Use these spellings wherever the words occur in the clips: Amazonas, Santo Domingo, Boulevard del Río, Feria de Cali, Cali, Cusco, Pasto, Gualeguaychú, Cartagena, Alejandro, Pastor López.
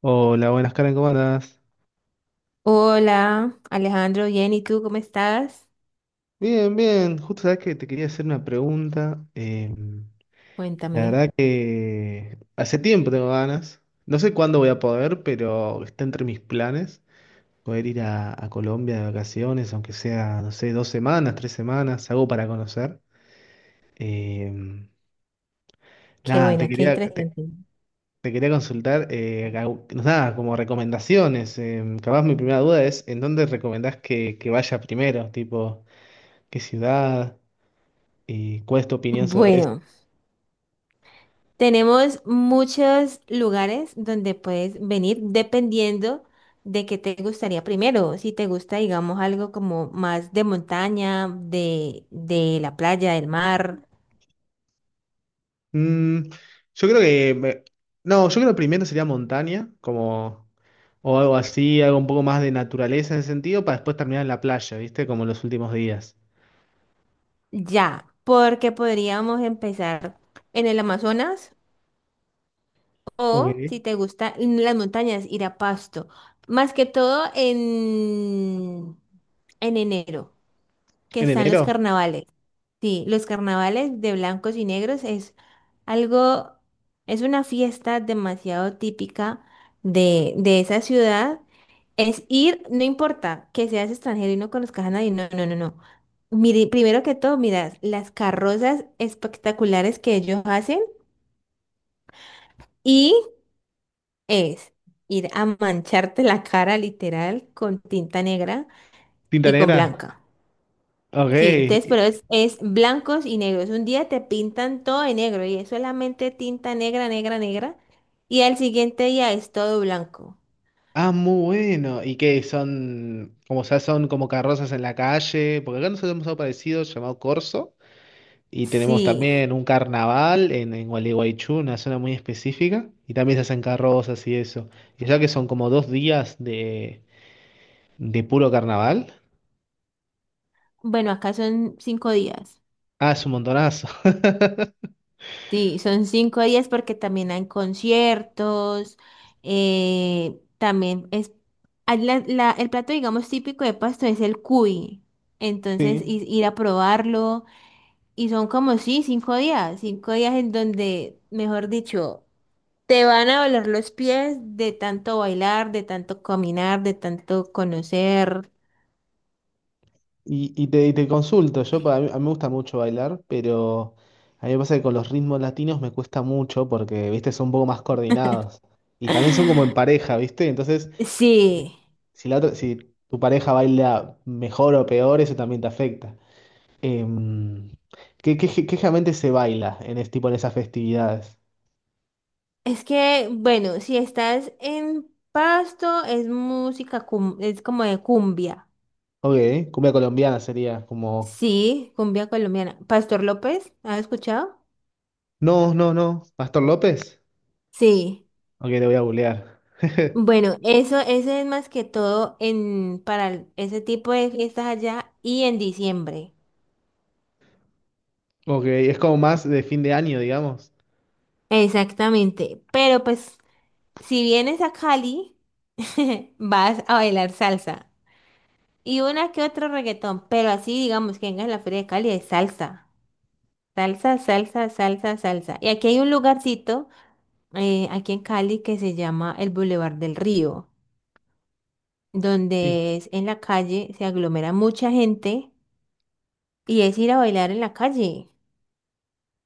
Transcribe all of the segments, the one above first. Hola, buenas Karen, ¿cómo andás? Hola, Alejandro, bien, ¿y tú cómo estás? Bien, bien, justo sabes que te quería hacer una pregunta. La Cuéntame. verdad que hace tiempo tengo ganas. No sé cuándo voy a poder, pero está entre mis planes poder ir a Colombia de vacaciones, aunque sea, no sé, 2 semanas, 3 semanas, algo para conocer. Eh, Qué nada, te bueno, qué quería, te, interesante. te quería consultar, nada, como recomendaciones. Capaz mi primera duda es, ¿en dónde recomendás que vaya primero? Tipo, ¿qué ciudad? ¿Y cuál es tu opinión sobre eso? Bueno, tenemos muchos lugares donde puedes venir dependiendo de qué te gustaría primero. Si te gusta, digamos, algo como más de montaña, de la playa, del mar, Mm, yo creo que... me- No, yo creo que primero sería montaña, como. O algo así, algo un poco más de naturaleza en ese sentido, para después terminar en la playa, ¿viste? Como los últimos días. ya, porque podríamos empezar en el Amazonas. O Ok. si te gustan las montañas, ir a Pasto. Más que todo en enero, que ¿En están los enero? carnavales. Sí, los carnavales de blancos y negros es algo, es una fiesta demasiado típica de esa ciudad. Es ir, no importa que seas extranjero y no conozcas a nadie, no, no, no, no. Mire, primero que todo, mira las carrozas espectaculares que ellos hacen. Y es ir a mancharte la cara literal con tinta negra ¿Tinta y con negra? blanca. Sí, Ok. entonces, pero es blancos y negros. Un día te pintan todo de negro y es solamente tinta negra, negra, negra. Y al siguiente día es todo blanco. Ah, muy bueno. ¿Y qué son? Como sea, son como carrozas en la calle. Porque acá nosotros tenemos algo parecido llamado corso. Y tenemos Sí, también un carnaval en, Gualeguaychú, una zona muy específica, y también se hacen carrozas y eso. Y ya que son como 2 días de puro carnaval, bueno, acá son 5 días. Es un montonazo. Sí, son 5 días porque también hay conciertos, también es, hay el plato, digamos, típico de Pasto es el cuy, entonces Sí. Ir a probarlo y son como, sí, 5 días, 5 días en donde, mejor dicho, te van a doler los pies de tanto bailar, de tanto caminar, de tanto conocer. Y te consulto, a mí me gusta mucho bailar, pero a mí me pasa que con los ritmos latinos me cuesta mucho porque, viste, son un poco más coordinados. Y también son como en pareja, viste. Entonces, Sí. Si tu pareja baila mejor o peor, eso también te afecta. Em, qué generalmente se baila en este tipo en esas festividades? Es que, bueno, si estás en Pasto, es música, es como de cumbia. Ok, cumbia colombiana sería como. Sí, cumbia colombiana. Pastor López, ¿has escuchado? No, no, no. ¿Pastor López? Sí. Ok, le voy a googlear. Bueno, eso es más que todo para ese tipo de fiestas allá y en diciembre. Ok, es como más de fin de año, digamos. Exactamente. Pero pues, si vienes a Cali, vas a bailar salsa. Y una que otro reggaetón. Pero así, digamos, que vengas a la Feria de Cali es salsa. Salsa, salsa, salsa, salsa. Y aquí hay un lugarcito, aquí en Cali, que se llama el Boulevard del Río, Sí. donde es en la calle, se aglomera mucha gente y es ir a bailar en la calle.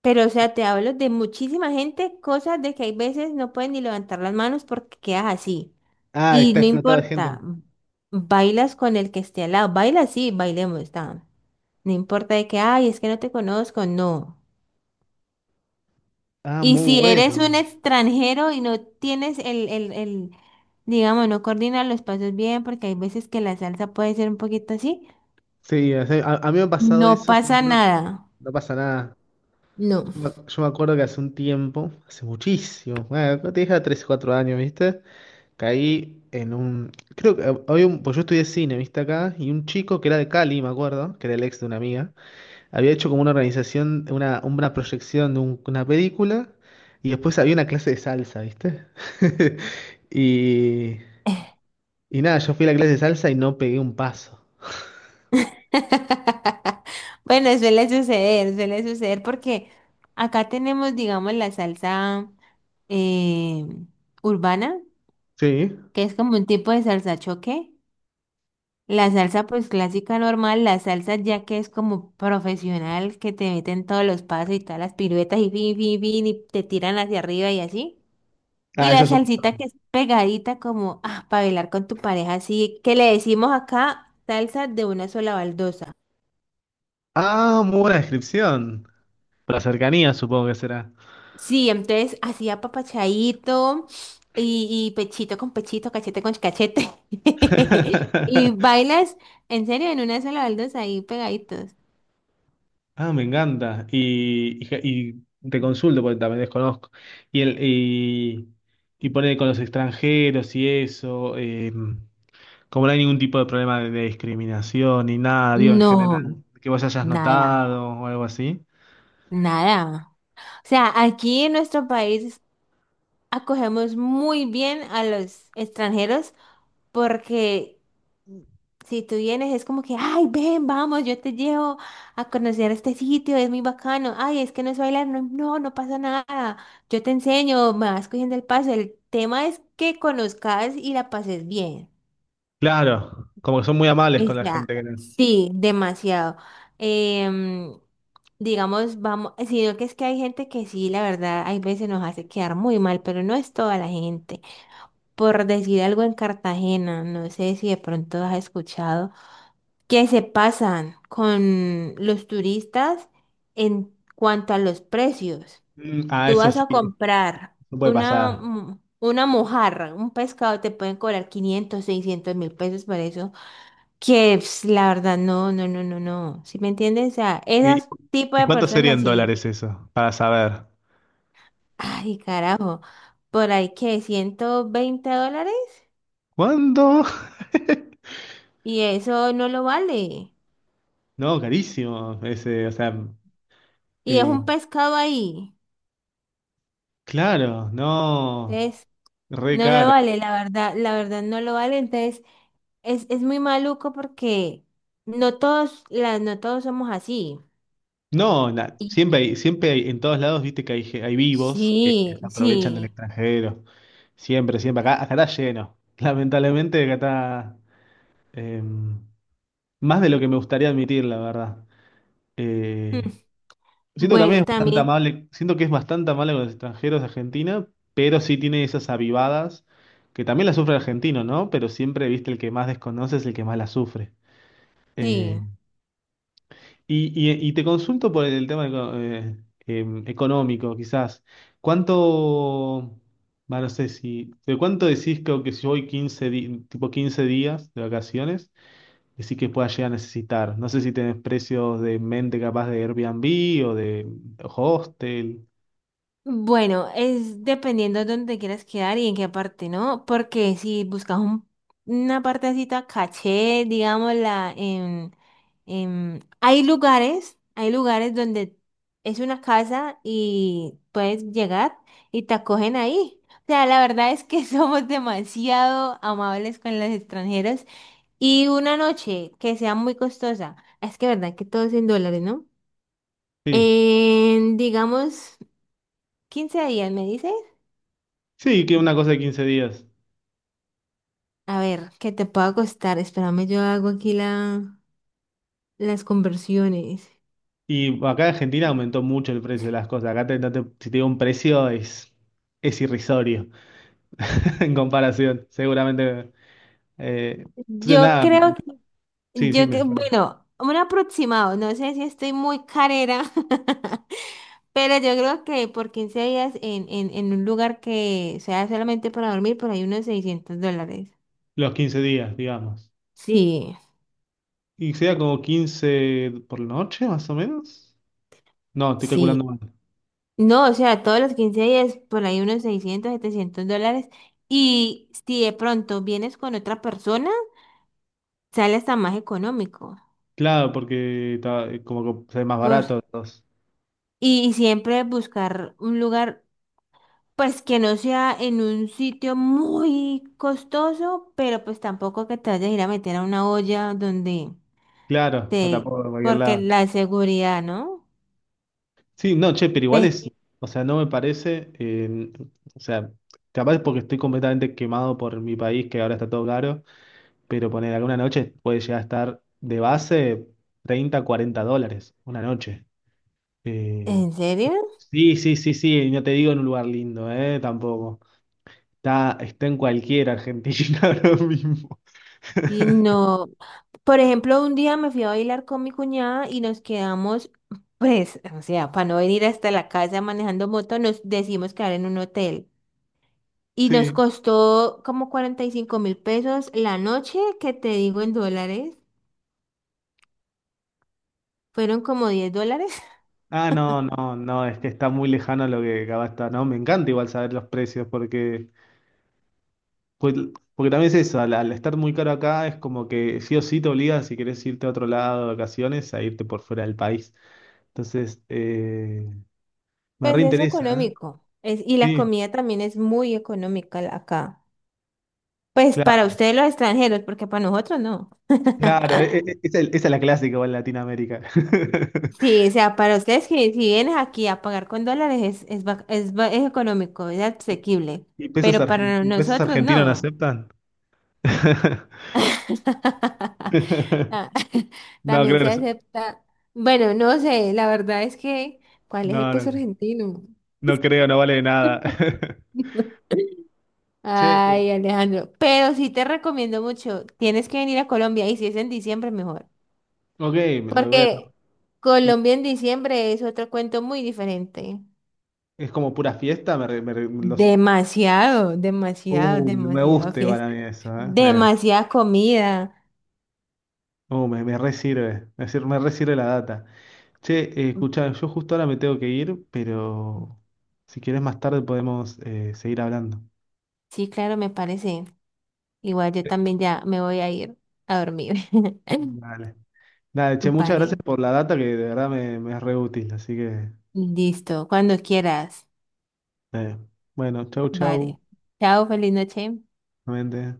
Pero, o sea, te hablo de muchísima gente, cosas de que hay veces no pueden ni levantar las manos porque quedas así. Ah, Y está no explotado de gente. importa, bailas con el que esté al lado. Baila, sí, bailemos, está. No importa de que, ay, es que no te conozco, no. Ah, Y muy si eres un bueno. extranjero y no tienes el, digamos, no coordinas los pasos bien, porque hay veces que la salsa puede ser un poquito así, Sí, o sea, a mí me ha pasado no eso, yo me pasa acuerdo que nada. no pasa nada. No. Yo me acuerdo que hace un tiempo, hace muchísimo, bueno, te dije 3 o 4 años, ¿viste? Caí en un. Creo que había un. Pues yo estudié cine, ¿viste acá? Y un chico que era de Cali, me acuerdo, que era el ex de una amiga, había hecho como una organización, una proyección de una película, y después había una clase de salsa, ¿viste? Y. Y nada, yo fui a la clase de salsa y no pegué un paso. Bueno, suele suceder porque acá tenemos, digamos, la salsa eh, urbana, Sí. que es como un tipo de salsa choque. La salsa pues clásica normal, la salsa ya que es como profesional, que te meten todos los pasos y todas las piruetas y fin, fin, fin, y te tiran hacia arriba y así. Y Ah, eso la es un- salsita que es pegadita como ah, para bailar con tu pareja, así que le decimos acá salsa de una sola baldosa. Ah, muy buena descripción. Por la cercanía, supongo que será. Sí, entonces así apapachadito y pechito con pechito, cachete con cachete. Y bailas en serio en una sola baldosa ahí pegaditos. Ah, me encanta. Y te consulto porque también desconozco. Y, el, y, y pone con los extranjeros y eso, como no hay ningún tipo de, problema de discriminación ni nada, digo, en No, general, que vos hayas nada. notado o algo así. Nada. O sea, aquí en nuestro país acogemos muy bien a los extranjeros porque si tú vienes es como que, ay, ven, vamos, yo te llevo a conocer este sitio, es muy bacano. Ay, es que no es bailar, no, no, no pasa nada. Yo te enseño, me vas cogiendo el paso. El tema es que conozcas y la pases bien. Claro, como que son muy amables con la Esa, gente que. sí, demasiado. Em, digamos, vamos, sino que es que hay gente que sí, la verdad, hay veces nos hace quedar muy mal, pero no es toda la gente. Por decir algo en Cartagena, no sé si de pronto has escuchado, que se pasan con los turistas en cuanto a los precios. Ah, Tú eso vas sí, a comprar no puede una, pasar. mm, una mojarra, un pescado, te pueden cobrar 500 600 mil pesos por eso. Que ps, la verdad, no, no, no, no, no. ¿Sí me entiendes? O sea, ¿Y, esas tipo y de cuánto sería personas, en sí. dólares eso? Para saber. Ay, carajo. Por ahí que $120 ¿Cuánto? y eso no lo vale. No, carísimo. O sea, Y es eh, un pescado ahí. Claro, no, Entonces, re no lo caro. vale, la verdad no lo vale. Entonces, es muy maluco porque no todos, la, no todos somos así. No, Y siempre hay, en todos lados, viste que hay vivos que sí, se aprovechan del sí. extranjero. Siempre, siempre. Acá está lleno. Lamentablemente acá está eh, más de lo que me gustaría admitir, la verdad. Mm. Eh, siento también Bueno, es bastante también, amable, siento que es bastante amable con los extranjeros de Argentina, pero sí tiene esas avivadas que también las sufre el argentino, ¿no? Pero siempre, viste, el que más desconoce es el que más las sufre. Eh, sí. y te consulto por el tema económico, quizás. ¿Cuánto, va, no sé si, de cuánto decís que si voy tipo 15 días de vacaciones, decís que pueda llegar a necesitar? No sé si tenés precios de mente capaz de Airbnb o de hostel. Bueno, es dependiendo de dónde te quieras quedar y en qué parte, ¿no? Porque si buscas una partecita caché, digámosla, hay lugares donde es una casa y puedes llegar y te acogen ahí. O sea, la verdad es que somos demasiado amables con los extranjeros y una noche que sea muy costosa, es que verdad que todo es en dólares, ¿no? Sí, En, digamos, 15 días, ¿me dices? sí, que una cosa de 15 días. A ver, ¿qué te puedo costar? Espérame, yo hago aquí las conversiones. Y acá en Argentina aumentó mucho el precio de las cosas. Acá te- no te- si te digo un precio es irrisorio en comparación. Seguramente. Eh, entonces, Yo nada, creo, que- sí, sí, yo que, perdón. bueno, un aproximado, no sé si estoy muy carera, pero yo creo que por 15 días en un lugar que sea solamente para dormir, por ahí unos $600. Los 15 días, digamos. Sí, Y sería como 15 por la noche, más o menos. No, estoy calculando sí. mal. No, o sea, todos los 15 días, por ahí unos 600, 700 dólares. Y si de pronto vienes con otra persona, sale hasta más económico. Claro, porque está, como que sale más barato. Entonces. Y siempre buscar un lugar, pues que no sea en un sitio muy costoso, pero pues tampoco que te vayas a ir a meter a una olla donde Claro, con te... tampoco de cualquier Porque lado. la seguridad, ¿no? Sí, no, che, pero igual Ve, o sea, no me parece, o sea, capaz porque estoy completamente quemado por mi país, que ahora está todo caro, pero poner alguna noche puede llegar a estar de base 30 40 dólares, una noche. Eh, ¿en serio? Sí, sí, sí, sí, no te digo en un lugar lindo, ¿eh? Tampoco. Está, está en cualquier Argentina ahora mismo. Sí, no. Por ejemplo, un día me fui a bailar con mi cuñada y nos quedamos, pues, o sea, para no venir hasta la casa manejando moto, nos decidimos quedar en un hotel. Y nos Sí. costó como 45.000 pesos la noche, que te digo en dólares. Fueron como $10. Ah, no, no, no, es que está muy lejano a lo que acaba está, ¿no? Me encanta igual saber los precios porque, pues, porque también es eso, al, al estar muy caro acá es como que sí o sí te obliga si querés irte a otro lado de vacaciones a irte por fuera del país. Entonces, me Pues es reinteresa, ¿eh? económico. Es, y la Sí, comida también es muy económica acá. Pues para claro, ustedes los extranjeros, porque para nosotros no. claro, esa es la clásica igual en Latinoamérica. Sí, o sea, para ustedes que si vienes aquí a pagar con dólares es económico, es asequible. ¿Y pesos, Pero argen- para y pesos nosotros argentinos no no. aceptan? Ah, No, creo también que no, se aceptan. acepta. Bueno, no sé, la verdad es que, ¿cuál es el No, peso no, argentino? no creo, no vale nada. Che, Ay, Alejandro, pero sí te recomiendo mucho, tienes que venir a Colombia y si es en diciembre mejor, ok, me lo voy a tomar. porque ¿Y Colombia en diciembre es otro cuento muy diferente. es como pura fiesta? Me, re- me re- me los, Demasiado, demasiado, me demasiado gusta igual a fiesta, mí eso, ¿eh? Me, demasiada comida. Me, me re sirve, me, sir- me re sirve la data. Che, escuchá, yo justo ahora me tengo que ir, pero si querés más tarde podemos seguir hablando. Sí, claro, me parece. Igual yo también ya me voy a ir a dormir. Dale. Dale, che, muchas gracias Vale, por la data que de verdad me, me es re útil, así que listo, cuando quieras. Eh, bueno, chau, chau, Vale. Chao, feliz noche. nuevamente.